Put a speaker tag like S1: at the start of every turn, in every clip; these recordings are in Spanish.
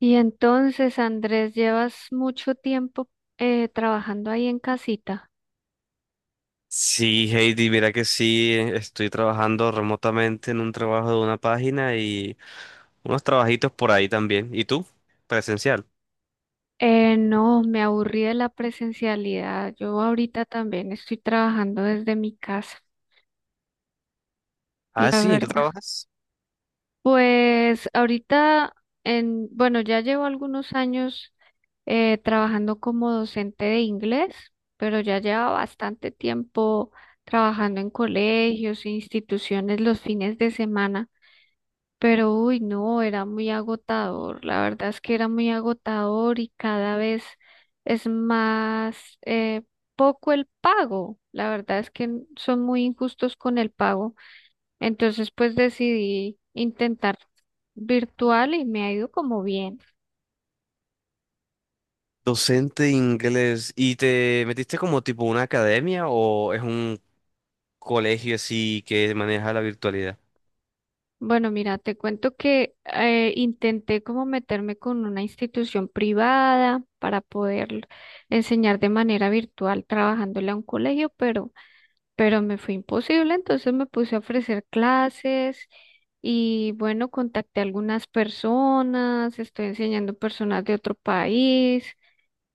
S1: Y entonces, Andrés, ¿llevas mucho tiempo trabajando ahí en casita?
S2: Sí, Heidi, mira que sí, estoy trabajando remotamente en un trabajo de una página y unos trabajitos por ahí también. ¿Y tú? Presencial.
S1: No, me aburrí de la presencialidad. Yo ahorita también estoy trabajando desde mi casa,
S2: Ah,
S1: la
S2: sí, ¿en qué
S1: verdad.
S2: trabajas?
S1: Pues ahorita, en, bueno, ya llevo algunos años trabajando como docente de inglés, pero ya llevo bastante tiempo trabajando en colegios e instituciones los fines de semana. Pero uy, no, era muy agotador. La verdad es que era muy agotador y cada vez es más poco el pago. La verdad es que son muy injustos con el pago. Entonces, pues decidí intentar virtual y me ha ido como bien.
S2: Docente de inglés. ¿Y te metiste como tipo una academia o es un colegio así que maneja la virtualidad?
S1: Bueno, mira, te cuento que intenté como meterme con una institución privada para poder enseñar de manera virtual trabajándole a un colegio, pero me fue imposible, entonces me puse a ofrecer clases y bueno, contacté a algunas personas, estoy enseñando personas de otro país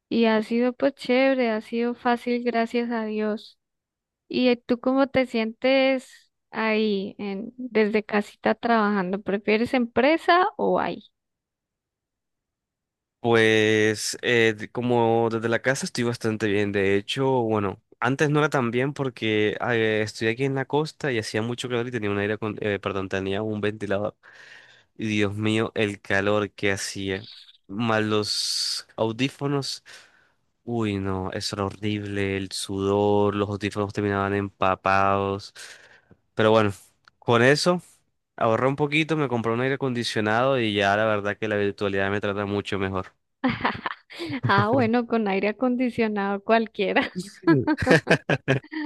S1: y ha sido pues chévere, ha sido fácil, gracias a Dios. ¿Y tú cómo te sientes ahí en, desde casita trabajando? ¿Prefieres empresa o ahí?
S2: Pues como desde la casa estoy bastante bien. De hecho, bueno, antes no era tan bien porque estoy aquí en la costa y hacía mucho calor y tenía un aire, perdón, tenía un ventilador. Y Dios mío, el calor que hacía. Más los audífonos. Uy, no, eso era horrible. El sudor, los audífonos terminaban empapados. Pero bueno, con eso ahorré un poquito, me compré un aire acondicionado y ya la verdad que la virtualidad me trata mucho mejor.
S1: Ah, bueno, con aire acondicionado cualquiera.
S2: Sí.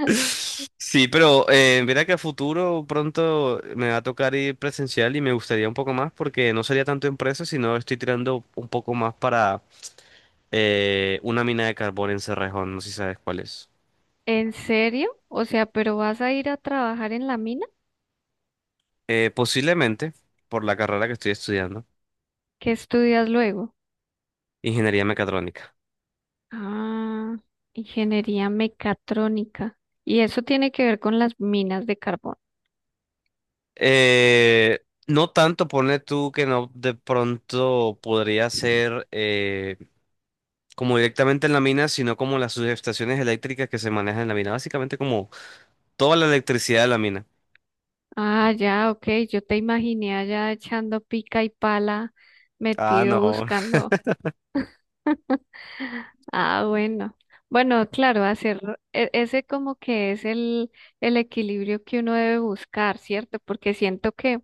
S2: Sí, pero mira que a futuro pronto me va a tocar ir presencial y me gustaría un poco más porque no sería tanto empresa, sino estoy tirando un poco más para una mina de carbón en Cerrejón, no sé si sabes cuál es.
S1: ¿En serio? O sea, ¿pero vas a ir a trabajar en la mina?
S2: Posiblemente, por la carrera que estoy estudiando,
S1: ¿Qué estudias luego?
S2: ingeniería mecatrónica.
S1: Ah, ingeniería mecatrónica. Y eso tiene que ver con las minas de carbón.
S2: No tanto, ponle tú que no de pronto podría ser como directamente en la mina, sino como las subestaciones eléctricas que se manejan en la mina, básicamente como toda la electricidad de la mina.
S1: Ah, ya, ok. Yo te imaginé allá echando pica y pala,
S2: Ah,
S1: metido
S2: no.
S1: buscando. Ah, bueno. Bueno, claro, hacer ese como que es el equilibrio que uno debe buscar, ¿cierto? Porque siento que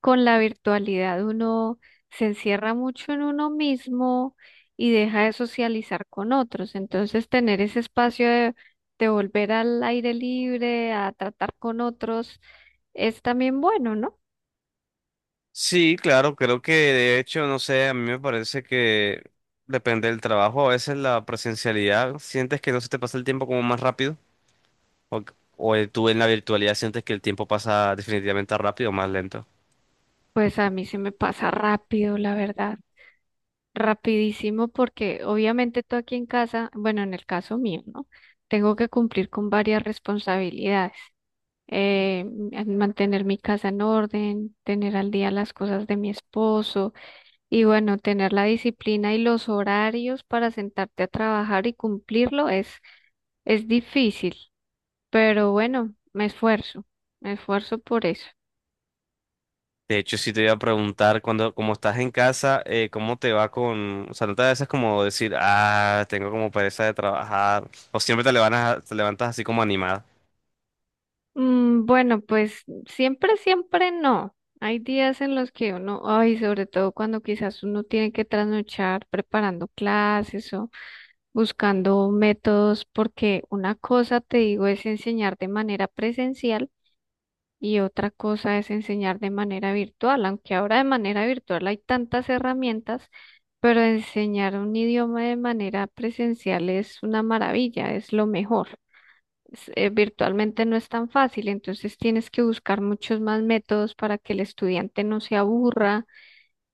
S1: con la virtualidad uno se encierra mucho en uno mismo y deja de socializar con otros. Entonces, tener ese espacio de volver al aire libre, a tratar con otros, es también bueno, ¿no?
S2: Sí, claro, creo que de hecho, no sé, a mí me parece que depende del trabajo, a veces la presencialidad, sientes que no se te pasa el tiempo como más rápido, o, o tú en la virtualidad sientes que el tiempo pasa definitivamente rápido o más lento.
S1: Pues a mí se me pasa rápido, la verdad, rapidísimo, porque obviamente tú aquí en casa, bueno, en el caso mío, ¿no? Tengo que cumplir con varias responsabilidades. eh, Mantener mi casa en orden, tener al día las cosas de mi esposo y bueno, tener la disciplina y los horarios para sentarte a trabajar y cumplirlo es difícil, pero bueno, me esfuerzo por eso.
S2: De hecho, sí te iba a preguntar, cuando, como estás en casa, ¿cómo te va con, o sea, no te da a veces como decir, ah, tengo como pereza de trabajar, o siempre te levantas así como animada?
S1: Mm, bueno, pues siempre, siempre no. Hay días en los que uno, ay, sobre todo cuando quizás uno tiene que trasnochar preparando clases buscando métodos, porque una cosa, te digo, es enseñar de manera presencial y otra cosa es enseñar de manera virtual, aunque ahora de manera virtual hay tantas herramientas, pero enseñar un idioma de manera presencial es una maravilla, es lo mejor. Virtualmente no es tan fácil, entonces tienes que buscar muchos más métodos para que el estudiante no se aburra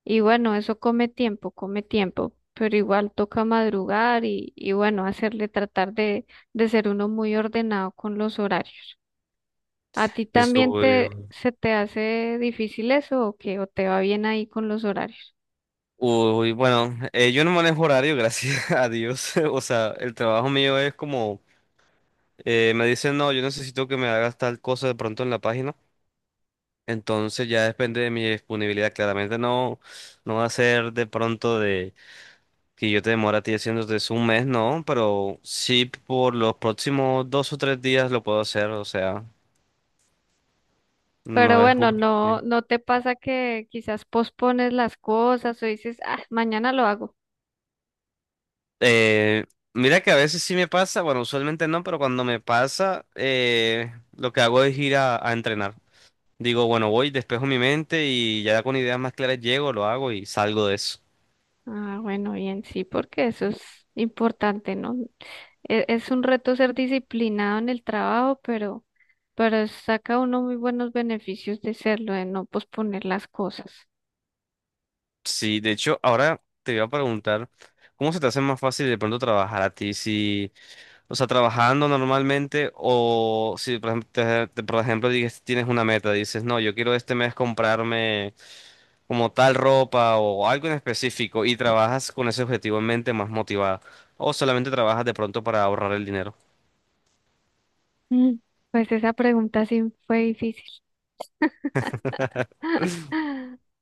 S1: y bueno, eso come tiempo, pero igual toca madrugar y bueno, hacerle tratar de ser uno muy ordenado con los horarios. ¿A ti también
S2: Eso,
S1: te, se te hace difícil eso o qué? ¿O te va bien ahí con los horarios?
S2: uy, bueno, yo no manejo horario, gracias a Dios. O sea, el trabajo mío es como, me dicen, no, yo necesito que me hagas tal cosa de pronto en la página. Entonces ya depende de mi disponibilidad. Claramente no, no va a ser de pronto de que yo te demore a ti haciéndote eso un mes, no, pero sí por los próximos 2 o 3 días lo puedo hacer. O sea,
S1: Pero
S2: no es
S1: bueno,
S2: justo.
S1: no, no te pasa que quizás pospones las cosas o dices, ah, mañana lo hago.
S2: Eh, Mira que a veces sí me pasa, bueno, usualmente no, pero cuando me pasa, lo que hago es ir a entrenar. Digo, bueno, voy, despejo mi mente y ya con ideas más claras llego, lo hago y salgo de eso.
S1: Ah, bueno, bien, sí, porque eso es importante, ¿no? Es un reto ser disciplinado en el trabajo, pero saca uno muy buenos beneficios de serlo, de no posponer las cosas.
S2: Sí, de hecho, ahora te voy a preguntar, ¿cómo se te hace más fácil de pronto trabajar a ti? Si, o sea, trabajando normalmente o si, por ejemplo, por ejemplo, tienes una meta, dices, no, yo quiero este mes comprarme como tal ropa o algo en específico y trabajas con ese objetivo en mente más motivada o solamente trabajas de pronto para ahorrar el dinero.
S1: Mm, pues esa pregunta sí fue difícil.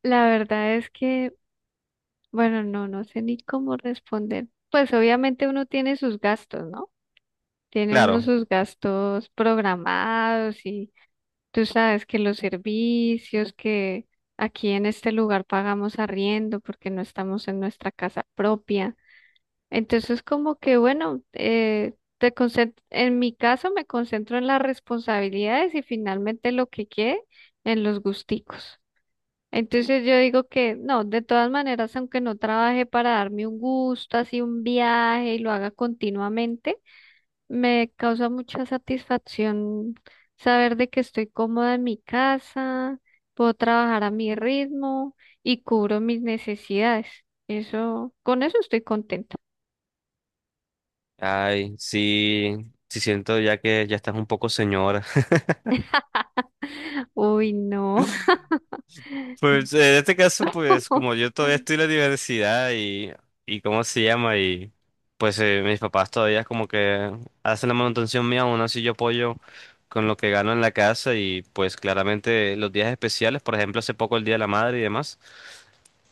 S1: La verdad es que, bueno, no, no sé ni cómo responder. Pues obviamente uno tiene sus gastos, ¿no? Tiene uno
S2: Claro.
S1: sus gastos programados y tú sabes que los servicios que aquí en este lugar pagamos arriendo porque no estamos en nuestra casa propia. Entonces, como que bueno, en mi caso me concentro en las responsabilidades y finalmente lo que quede en los gusticos. Entonces yo digo que no, de todas maneras, aunque no trabaje para darme un gusto, así un viaje y lo haga continuamente, me causa mucha satisfacción saber de que estoy cómoda en mi casa, puedo trabajar a mi ritmo y cubro mis necesidades. Eso, con eso estoy contenta.
S2: Ay, sí, sí siento ya que ya estás un poco señora.
S1: Uy, no,
S2: Pues en este caso, pues
S1: no,
S2: como yo todavía estoy en la universidad y cómo se llama, y pues mis papás todavía como que hacen la manutención mía, aún así yo apoyo con lo que gano en la casa y pues claramente los días especiales, por ejemplo, hace poco el Día de la Madre y demás.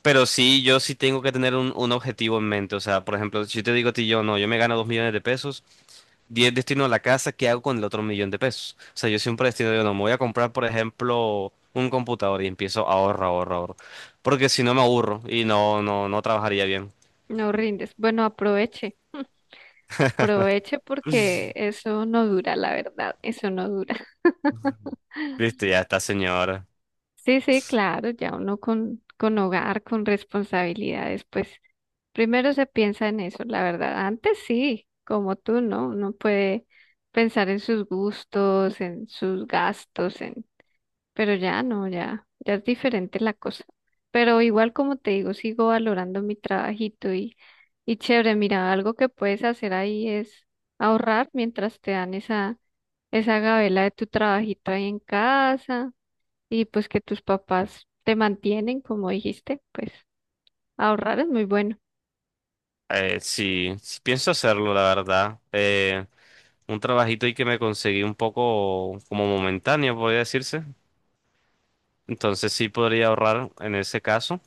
S2: Pero sí, yo sí tengo que tener un objetivo en mente. O sea, por ejemplo, si yo te digo a ti, yo no, yo me gano 2 millones de pesos. 10 destino a la casa, ¿qué hago con el otro millón de pesos? O sea, yo siempre destino, yo no, me voy a comprar, por ejemplo, un computador y empiezo a ahorrar, ahorrar, ahorrar. Porque si no me aburro y no, no, no trabajaría bien.
S1: no rindes. Bueno, aproveche, aproveche porque eso no dura, la verdad, eso no dura.
S2: Listo, ya está, señor.
S1: Sí, sí, claro, ya uno con hogar, con responsabilidades, pues primero se piensa en eso, la verdad. Antes sí, como tú, ¿no? Uno puede pensar en sus gustos, en sus gastos, en... Pero ya no, ya, ya es diferente la cosa. Pero igual como te digo, sigo valorando mi trabajito y chévere, mira, algo que puedes hacer ahí es ahorrar mientras te dan esa, esa gabela de tu trabajito ahí en casa y pues que tus papás te mantienen, como dijiste, pues ahorrar es muy bueno.
S2: Sí, sí pienso hacerlo, la verdad. Un trabajito y que me conseguí un poco como momentáneo, podría decirse. Entonces sí podría ahorrar en ese caso.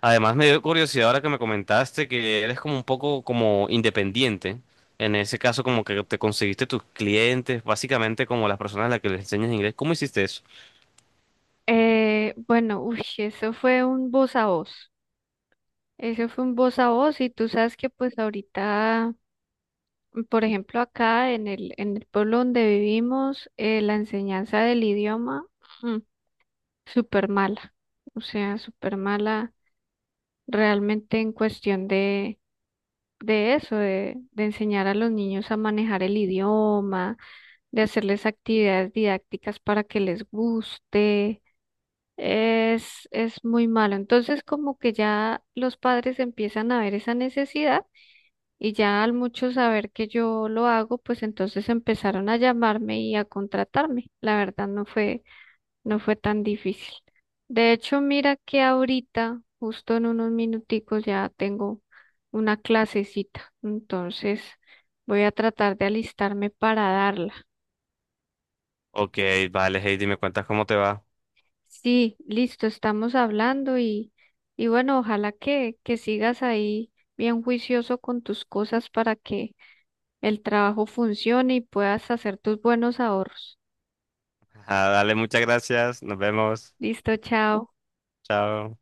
S2: Además, me dio curiosidad ahora que me comentaste que eres como un poco como independiente. En ese caso, como que te conseguiste tus clientes, básicamente como las personas a las que les enseñas inglés. ¿Cómo hiciste eso?
S1: Bueno, uy, eso fue un voz a voz. Eso fue un voz a voz y tú sabes que pues ahorita, por ejemplo, acá en el pueblo donde vivimos, la enseñanza del idioma, mm, súper mala. O sea, súper mala realmente en cuestión de eso, de enseñar a los niños a manejar el idioma, de hacerles actividades didácticas para que les guste. Es muy malo. Entonces, como que ya los padres empiezan a ver esa necesidad y ya al mucho saber que yo lo hago, pues entonces empezaron a llamarme y a contratarme. La verdad no fue, no fue tan difícil. De hecho, mira que ahorita, justo en unos minuticos, ya tengo una clasecita. Entonces voy a tratar de alistarme para darla.
S2: Ok, vale, Heidi, me cuentas cómo te va.
S1: Sí, listo, estamos hablando y bueno, ojalá que sigas ahí bien juicioso con tus cosas para que el trabajo funcione y puedas hacer tus buenos ahorros.
S2: Ah, dale, muchas gracias. Nos vemos.
S1: Listo, chao.
S2: Chao.